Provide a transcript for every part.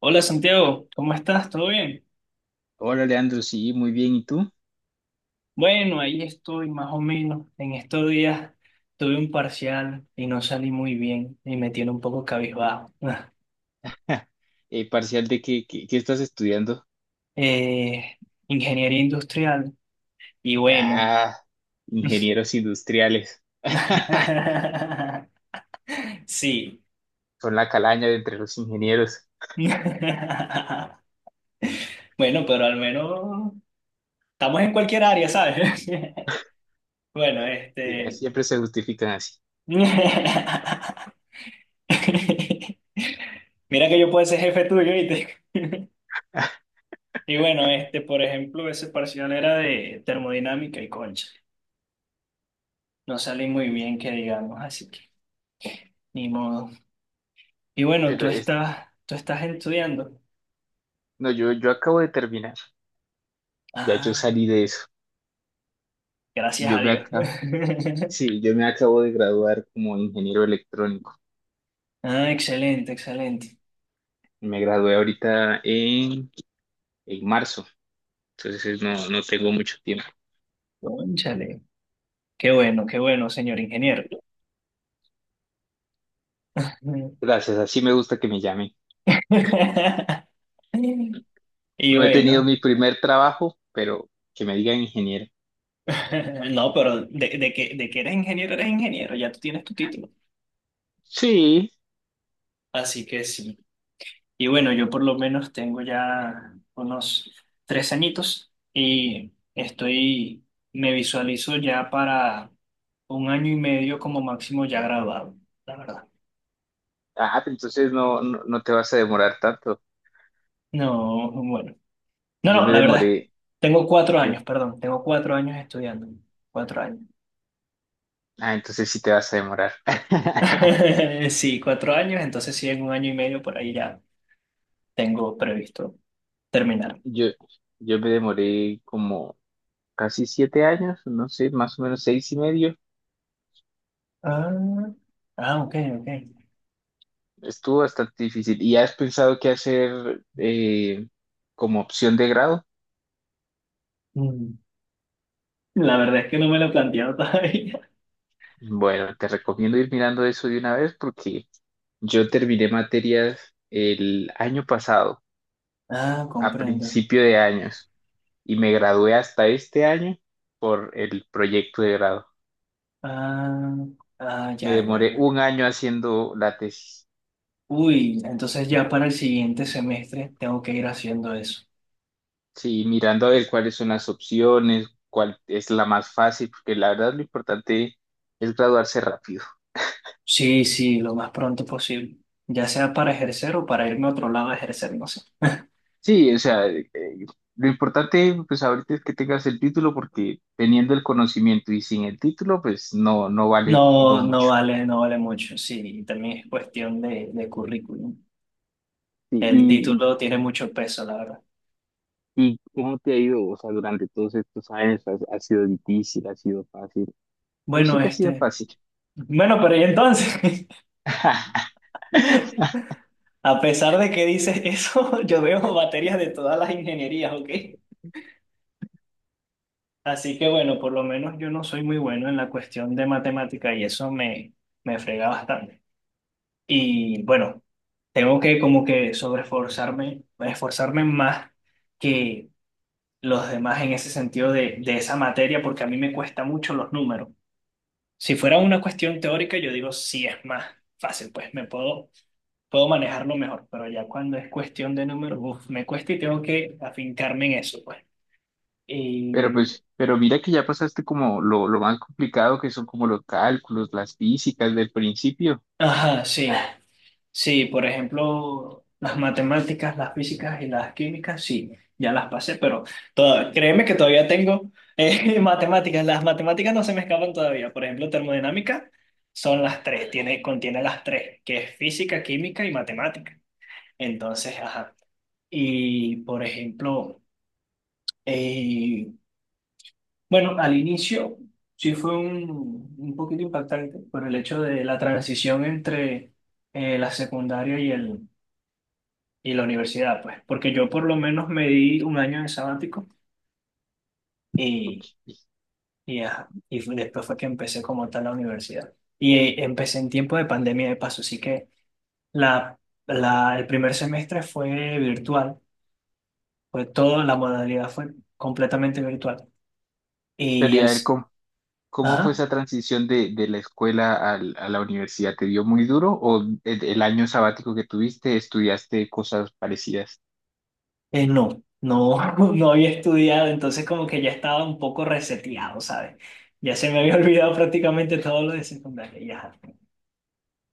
Hola Santiago, ¿cómo estás? ¿Todo bien? Hola, Leandro, sí, muy bien. ¿Y tú? Bueno, ahí estoy más o menos. En estos días tuve un parcial y no salí muy bien y me tiene un poco cabizbajo. ¿Parcial de qué, qué estás estudiando? Eh, Ingeniería industrial y bueno. Ah, ingenieros industriales. Sí. Son la calaña de entre los ingenieros. Bueno, pero al menos estamos en cualquier área, ¿sabes? Bueno, Sí, este... siempre se justifican así. Mira que yo puedo ser jefe tuyo, ¿viste? Y bueno, por ejemplo, ese parcial era de termodinámica y concha. No salí muy Mm. bien, que digamos, así que ni modo. Y bueno, Pero tú es- estás, tú estás estudiando. no, yo acabo de terminar. Ya yo Ah, salí de eso. gracias a Yo me Dios. acabo, sí, yo me acabo de graduar como ingeniero electrónico. Ah, excelente, excelente. Me gradué en marzo. Entonces no tengo mucho tiempo. Cónchale. Qué bueno, señor ingeniero. Gracias, así me gusta que me llamen. Y No he tenido bueno, mi primer trabajo, pero que me digan ingeniero. no, pero de que eres ingeniero, ya tú tienes tu título. Sí. Así que sí. Y bueno, yo por lo menos tengo ya unos 3 añitos y me visualizo ya para un año y medio como máximo ya graduado, la verdad. Ah, pero entonces no te vas a demorar tanto. No, bueno. No, Yo no, me la verdad. demoré. Tengo cuatro yo- años, perdón. Tengo 4 años estudiando. 4 años. ah, entonces sí te vas a demorar. Sí, 4 años, entonces sí, en un año y medio por ahí ya tengo previsto terminar. Yo, yo me demoré como casi 7 años, no sé, más o menos 6 y medio. Ah, ah, ok, ok. Estuvo bastante difícil. ¿Y has pensado qué hacer como opción de grado? Mm, La verdad es que no me lo he planteado todavía. Bueno, te recomiendo ir mirando eso de una vez porque yo terminé materias el año pasado Ah, a comprendo. principio de años y me gradué hasta este año por el proyecto de grado. Ah, ah, Me ya, ya, demoré ya. un año haciendo la tesis, Uy, entonces ya para el siguiente semestre tengo que ir haciendo eso. sí, mirando a ver cuáles son las opciones, cuál es la más fácil, porque la verdad lo importante es graduarse rápido. Sí, sí, lo más pronto posible. Ya sea para ejercer o para irme a otro lado a ejercer, no sé. Sí, o sea, lo importante pues ahorita es que tengas el título porque teniendo el conocimiento y sin el título pues no vale uno No, no mucho. vale, no vale mucho. Sí, y también es cuestión de currículum. Sí. El título tiene mucho peso, la verdad. ¿Y cómo te ha ido? O sea, durante todos estos años, ¿ha sido difícil? ¿Ha sido fácil? Yo sé Bueno, que ha sido este. fácil. Bueno, pero y entonces, a pesar de que dices eso, yo veo baterías de todas las ingenierías, ¿ok? Así que bueno, por lo menos yo no soy muy bueno en la cuestión de matemática y eso me frega bastante. Y bueno, tengo que como que sobreesforzarme, esforzarme más que los demás en ese sentido de esa materia porque a mí me cuesta mucho los números. Si fuera una cuestión teórica, yo digo, sí, es más fácil, pues puedo manejarlo mejor, pero ya cuando es cuestión de números, uf, me cuesta y tengo que afincarme en eso, pues. Pero Y... pues, pero mira que ya pasaste como lo más complicado que son como los cálculos, las físicas del principio. Ajá, sí. Sí, por ejemplo, las matemáticas, las físicas y las químicas, sí, ya las pasé, pero créeme que todavía tengo matemáticas. Las matemáticas no se me escapan todavía. Por ejemplo, termodinámica son las tres, contiene las tres, que es física, química y matemática. Entonces, ajá. Y, por ejemplo, eh, bueno, al inicio sí fue un poquito impactante por el hecho de la transición entre la secundaria y la universidad, pues, porque yo por lo menos me di un año de sabático y, Ok. Ajá, después fue que empecé como tal la universidad. Y empecé en tiempo de pandemia de paso, así que la, el primer semestre fue virtual, fue toda la modalidad fue completamente virtual. Pero Y el, ya ver s- cómo fue ajá, esa transición de la escuela a la universidad. ¿Te dio muy duro o el año sabático que tuviste estudiaste cosas parecidas? eh, no, no, no había estudiado, entonces como que ya estaba un poco reseteado, ¿sabes? Ya se me había olvidado prácticamente todo lo de secundaria, ya.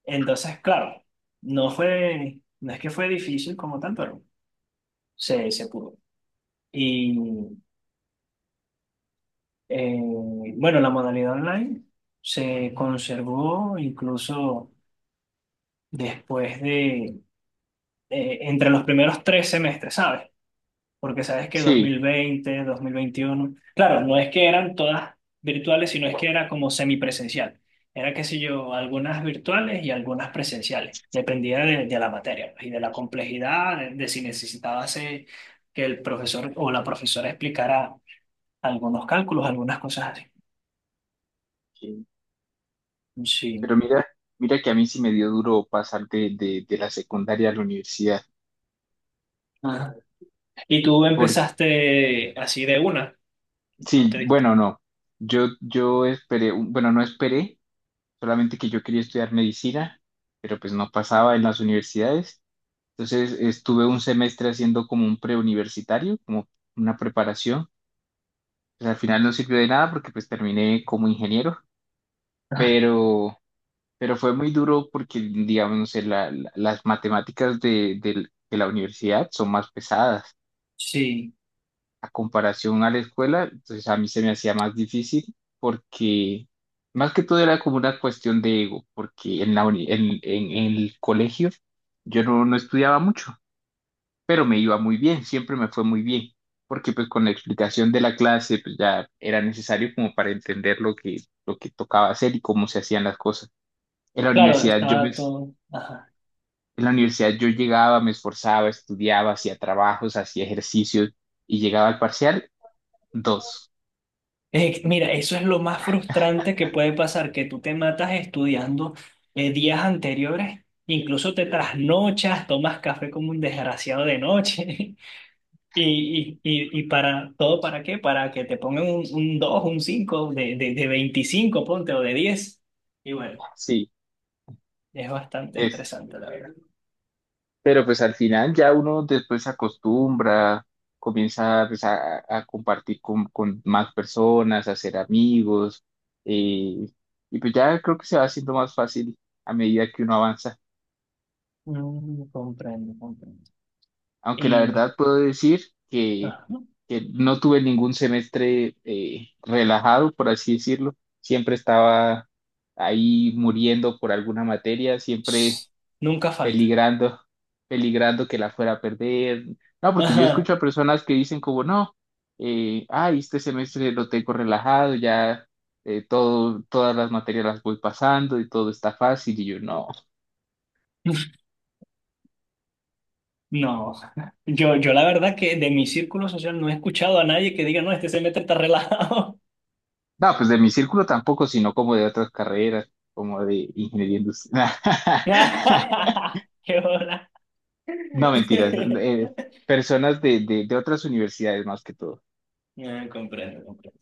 Entonces, claro, no es que fue difícil como tal, pero se pudo. Y eh, bueno, la modalidad online se conservó incluso después entre los primeros 3 semestres, ¿sabes? Porque sabes que dos dos Sí, mil veinte 2021, claro, no es que eran todas virtuales, sino es que era como semipresencial. Era, qué sé yo, algunas virtuales y algunas presenciales. Dependía de la materia, pues, y de la complejidad, de si necesitabas que el profesor o la profesora explicara algunos cálculos, algunas cosas así. sí. Sí. Pero mira, mira que a mí sí me dio duro pasar de la secundaria a la universidad. Ajá. Y tú Por, empezaste así de una, ¿no te sí, diste? bueno, no. Yo esperé, bueno, no esperé, solamente que yo quería estudiar medicina, pero pues no pasaba en las universidades. Entonces estuve un semestre haciendo como un preuniversitario, como una preparación. Pues al final no sirvió de nada porque pues terminé como ingeniero, pero, pero fue muy duro porque, digamos, no sé, las matemáticas de la universidad son más pesadas. Sí, A comparación a la escuela, entonces a mí se me hacía más difícil porque más que todo era como una cuestión de ego, porque en la uni- en el colegio yo no estudiaba mucho, pero me iba muy bien, siempre me fue muy bien, porque pues con la explicación de la clase pues ya era necesario como para entender lo lo que tocaba hacer y cómo se hacían las cosas. En la claro, universidad yo me, estaba todo. Ajá. en la universidad yo llegaba, me esforzaba, estudiaba, hacía trabajos, hacía ejercicios y llegaba al parcial dos. Mira, eso es lo más frustrante que puede pasar, que tú te matas estudiando días anteriores, incluso te trasnochas, tomas café como un desgraciado de noche, y para todo, para qué, para que te pongan un 2, un 5 de 25, ponte, o de 10. Y bueno, Sí. es bastante Es, estresante, la verdad. pero pues al final ya uno después se acostumbra, comienza pues, a compartir con más personas, a hacer amigos, eh, y pues ya creo que se va haciendo más fácil a medida que uno avanza. Comprendo, comprendo. Aunque la Y verdad puedo decir que, ajá, que no tuve ningún semestre relajado, por así decirlo. Siempre estaba ahí muriendo por alguna materia, siempre nunca falta. peligrando, peligrando que la fuera a perder. No, porque yo Ajá. escucho a personas que dicen como, no, ay, este semestre lo tengo relajado, ya todas las materias las voy pasando y todo está fácil. Y yo, no. No, yo la verdad que de mi círculo social no he escuchado a nadie que diga, no, este semestre está relajado. No, pues de mi círculo tampoco, sino como de otras carreras, como de ingeniería industrial. ¡Qué bola! No, mentiras. eh, Personas de otras universidades más que todo. No, comprendo, comprendo.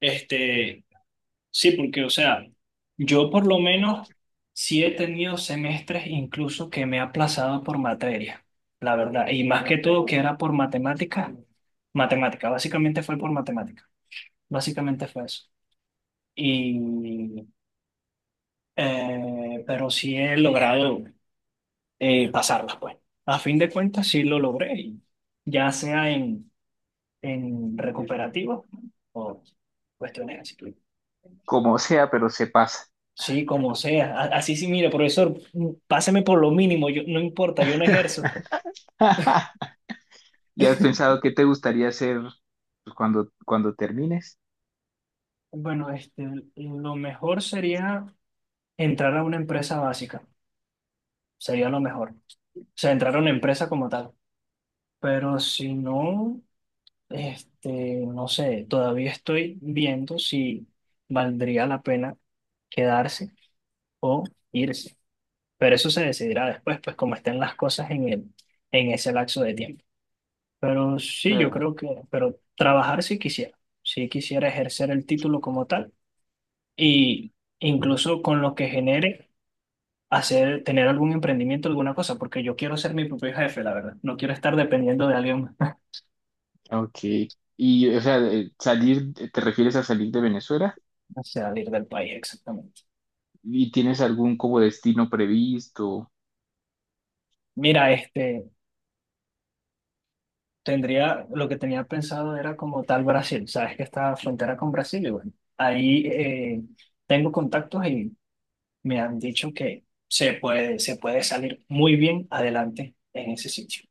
Este, sí, porque, o sea, yo por lo menos sí he tenido semestres incluso que me he aplazado por materia, la verdad, y más que todo que era por matemática, matemática, básicamente fue por matemática, básicamente fue eso. Y, pero sí he logrado, pasarlas, pues. A fin de cuentas, sí lo logré, y ya sea en recuperativos o cuestiones así. Como sea, pero se pasa. Sí, como sea. Así sí, mire, profesor, páseme por lo mínimo, yo, no importa, yo no ejerzo. ¿Y has pensado qué te gustaría hacer pues, cuando termines? Bueno, lo mejor sería entrar a una empresa básica, sería lo mejor. O sea, entrar a una empresa como tal. Pero si no, no sé, todavía estoy viendo si valdría la pena quedarse o irse. Pero eso se decidirá después, pues como estén las cosas en ese lapso de tiempo. Pero sí, yo Eh, creo que, pero trabajar sí quisiera ejercer el título como tal y incluso con lo que genere hacer, tener algún emprendimiento, alguna cosa, porque yo quiero ser mi propio jefe, la verdad. No quiero estar dependiendo de alguien más. Ok. Y, o sea, salir, ¿te refieres a salir de Venezuela? Salir del país, exactamente. ¿Y tienes algún como destino previsto? Mira, lo que tenía pensado era como tal Brasil. Sabes que está frontera con Brasil, y bueno, ahí tengo contactos y me han dicho que se puede salir muy bien adelante en ese sitio.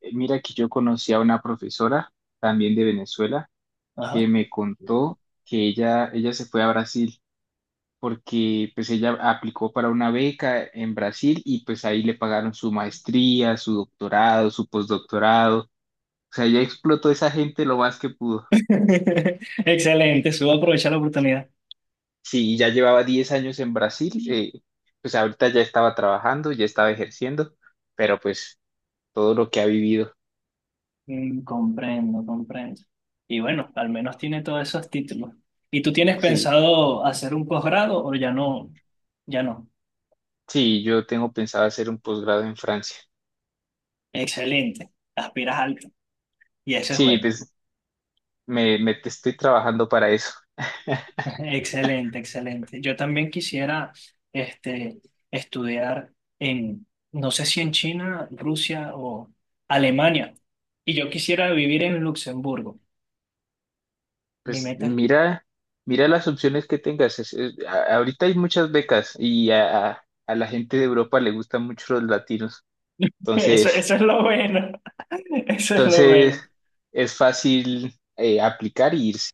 Mira que yo conocí a una profesora también de Venezuela que Ajá. me contó que ella se fue a Brasil porque pues ella aplicó para una beca en Brasil y pues ahí le pagaron su maestría, su doctorado, su postdoctorado. O sea, ella explotó a esa gente lo más que pudo. Excelente, subo a aprovechar la oportunidad. Sí, ya llevaba 10 años en Brasil, pues ahorita ya estaba trabajando, ya estaba ejerciendo, pero pues todo lo que ha vivido, Comprendo, comprendo. Y bueno, al menos tiene todos esos títulos. ¿Y tú tienes sí, pensado hacer un posgrado o ya no? Ya no. sí, yo tengo pensado hacer un posgrado en Francia. Excelente, aspiras alto y eso es Sí, bueno. pues me estoy trabajando para eso. Excelente, excelente. Yo también quisiera este, estudiar en, no sé si en China, Rusia o Alemania. Y yo quisiera vivir en Luxemburgo. Mi Pues meta es... mira, mira las opciones que tengas. Ahorita hay muchas becas y a la gente de Europa le gustan mucho los latinos. Eso, Entonces, eso es lo bueno. Eso es lo entonces bueno. es fácil aplicar y irse.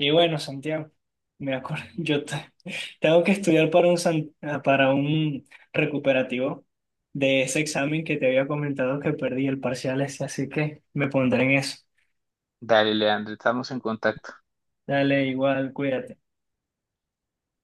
Y bueno, Santiago, me acuerdo, tengo que estudiar para para un recuperativo de ese examen que te había comentado que perdí el parcial ese, así que me pondré en eso. Dale, Leandro, estamos en contacto. Dale, igual, cuídate.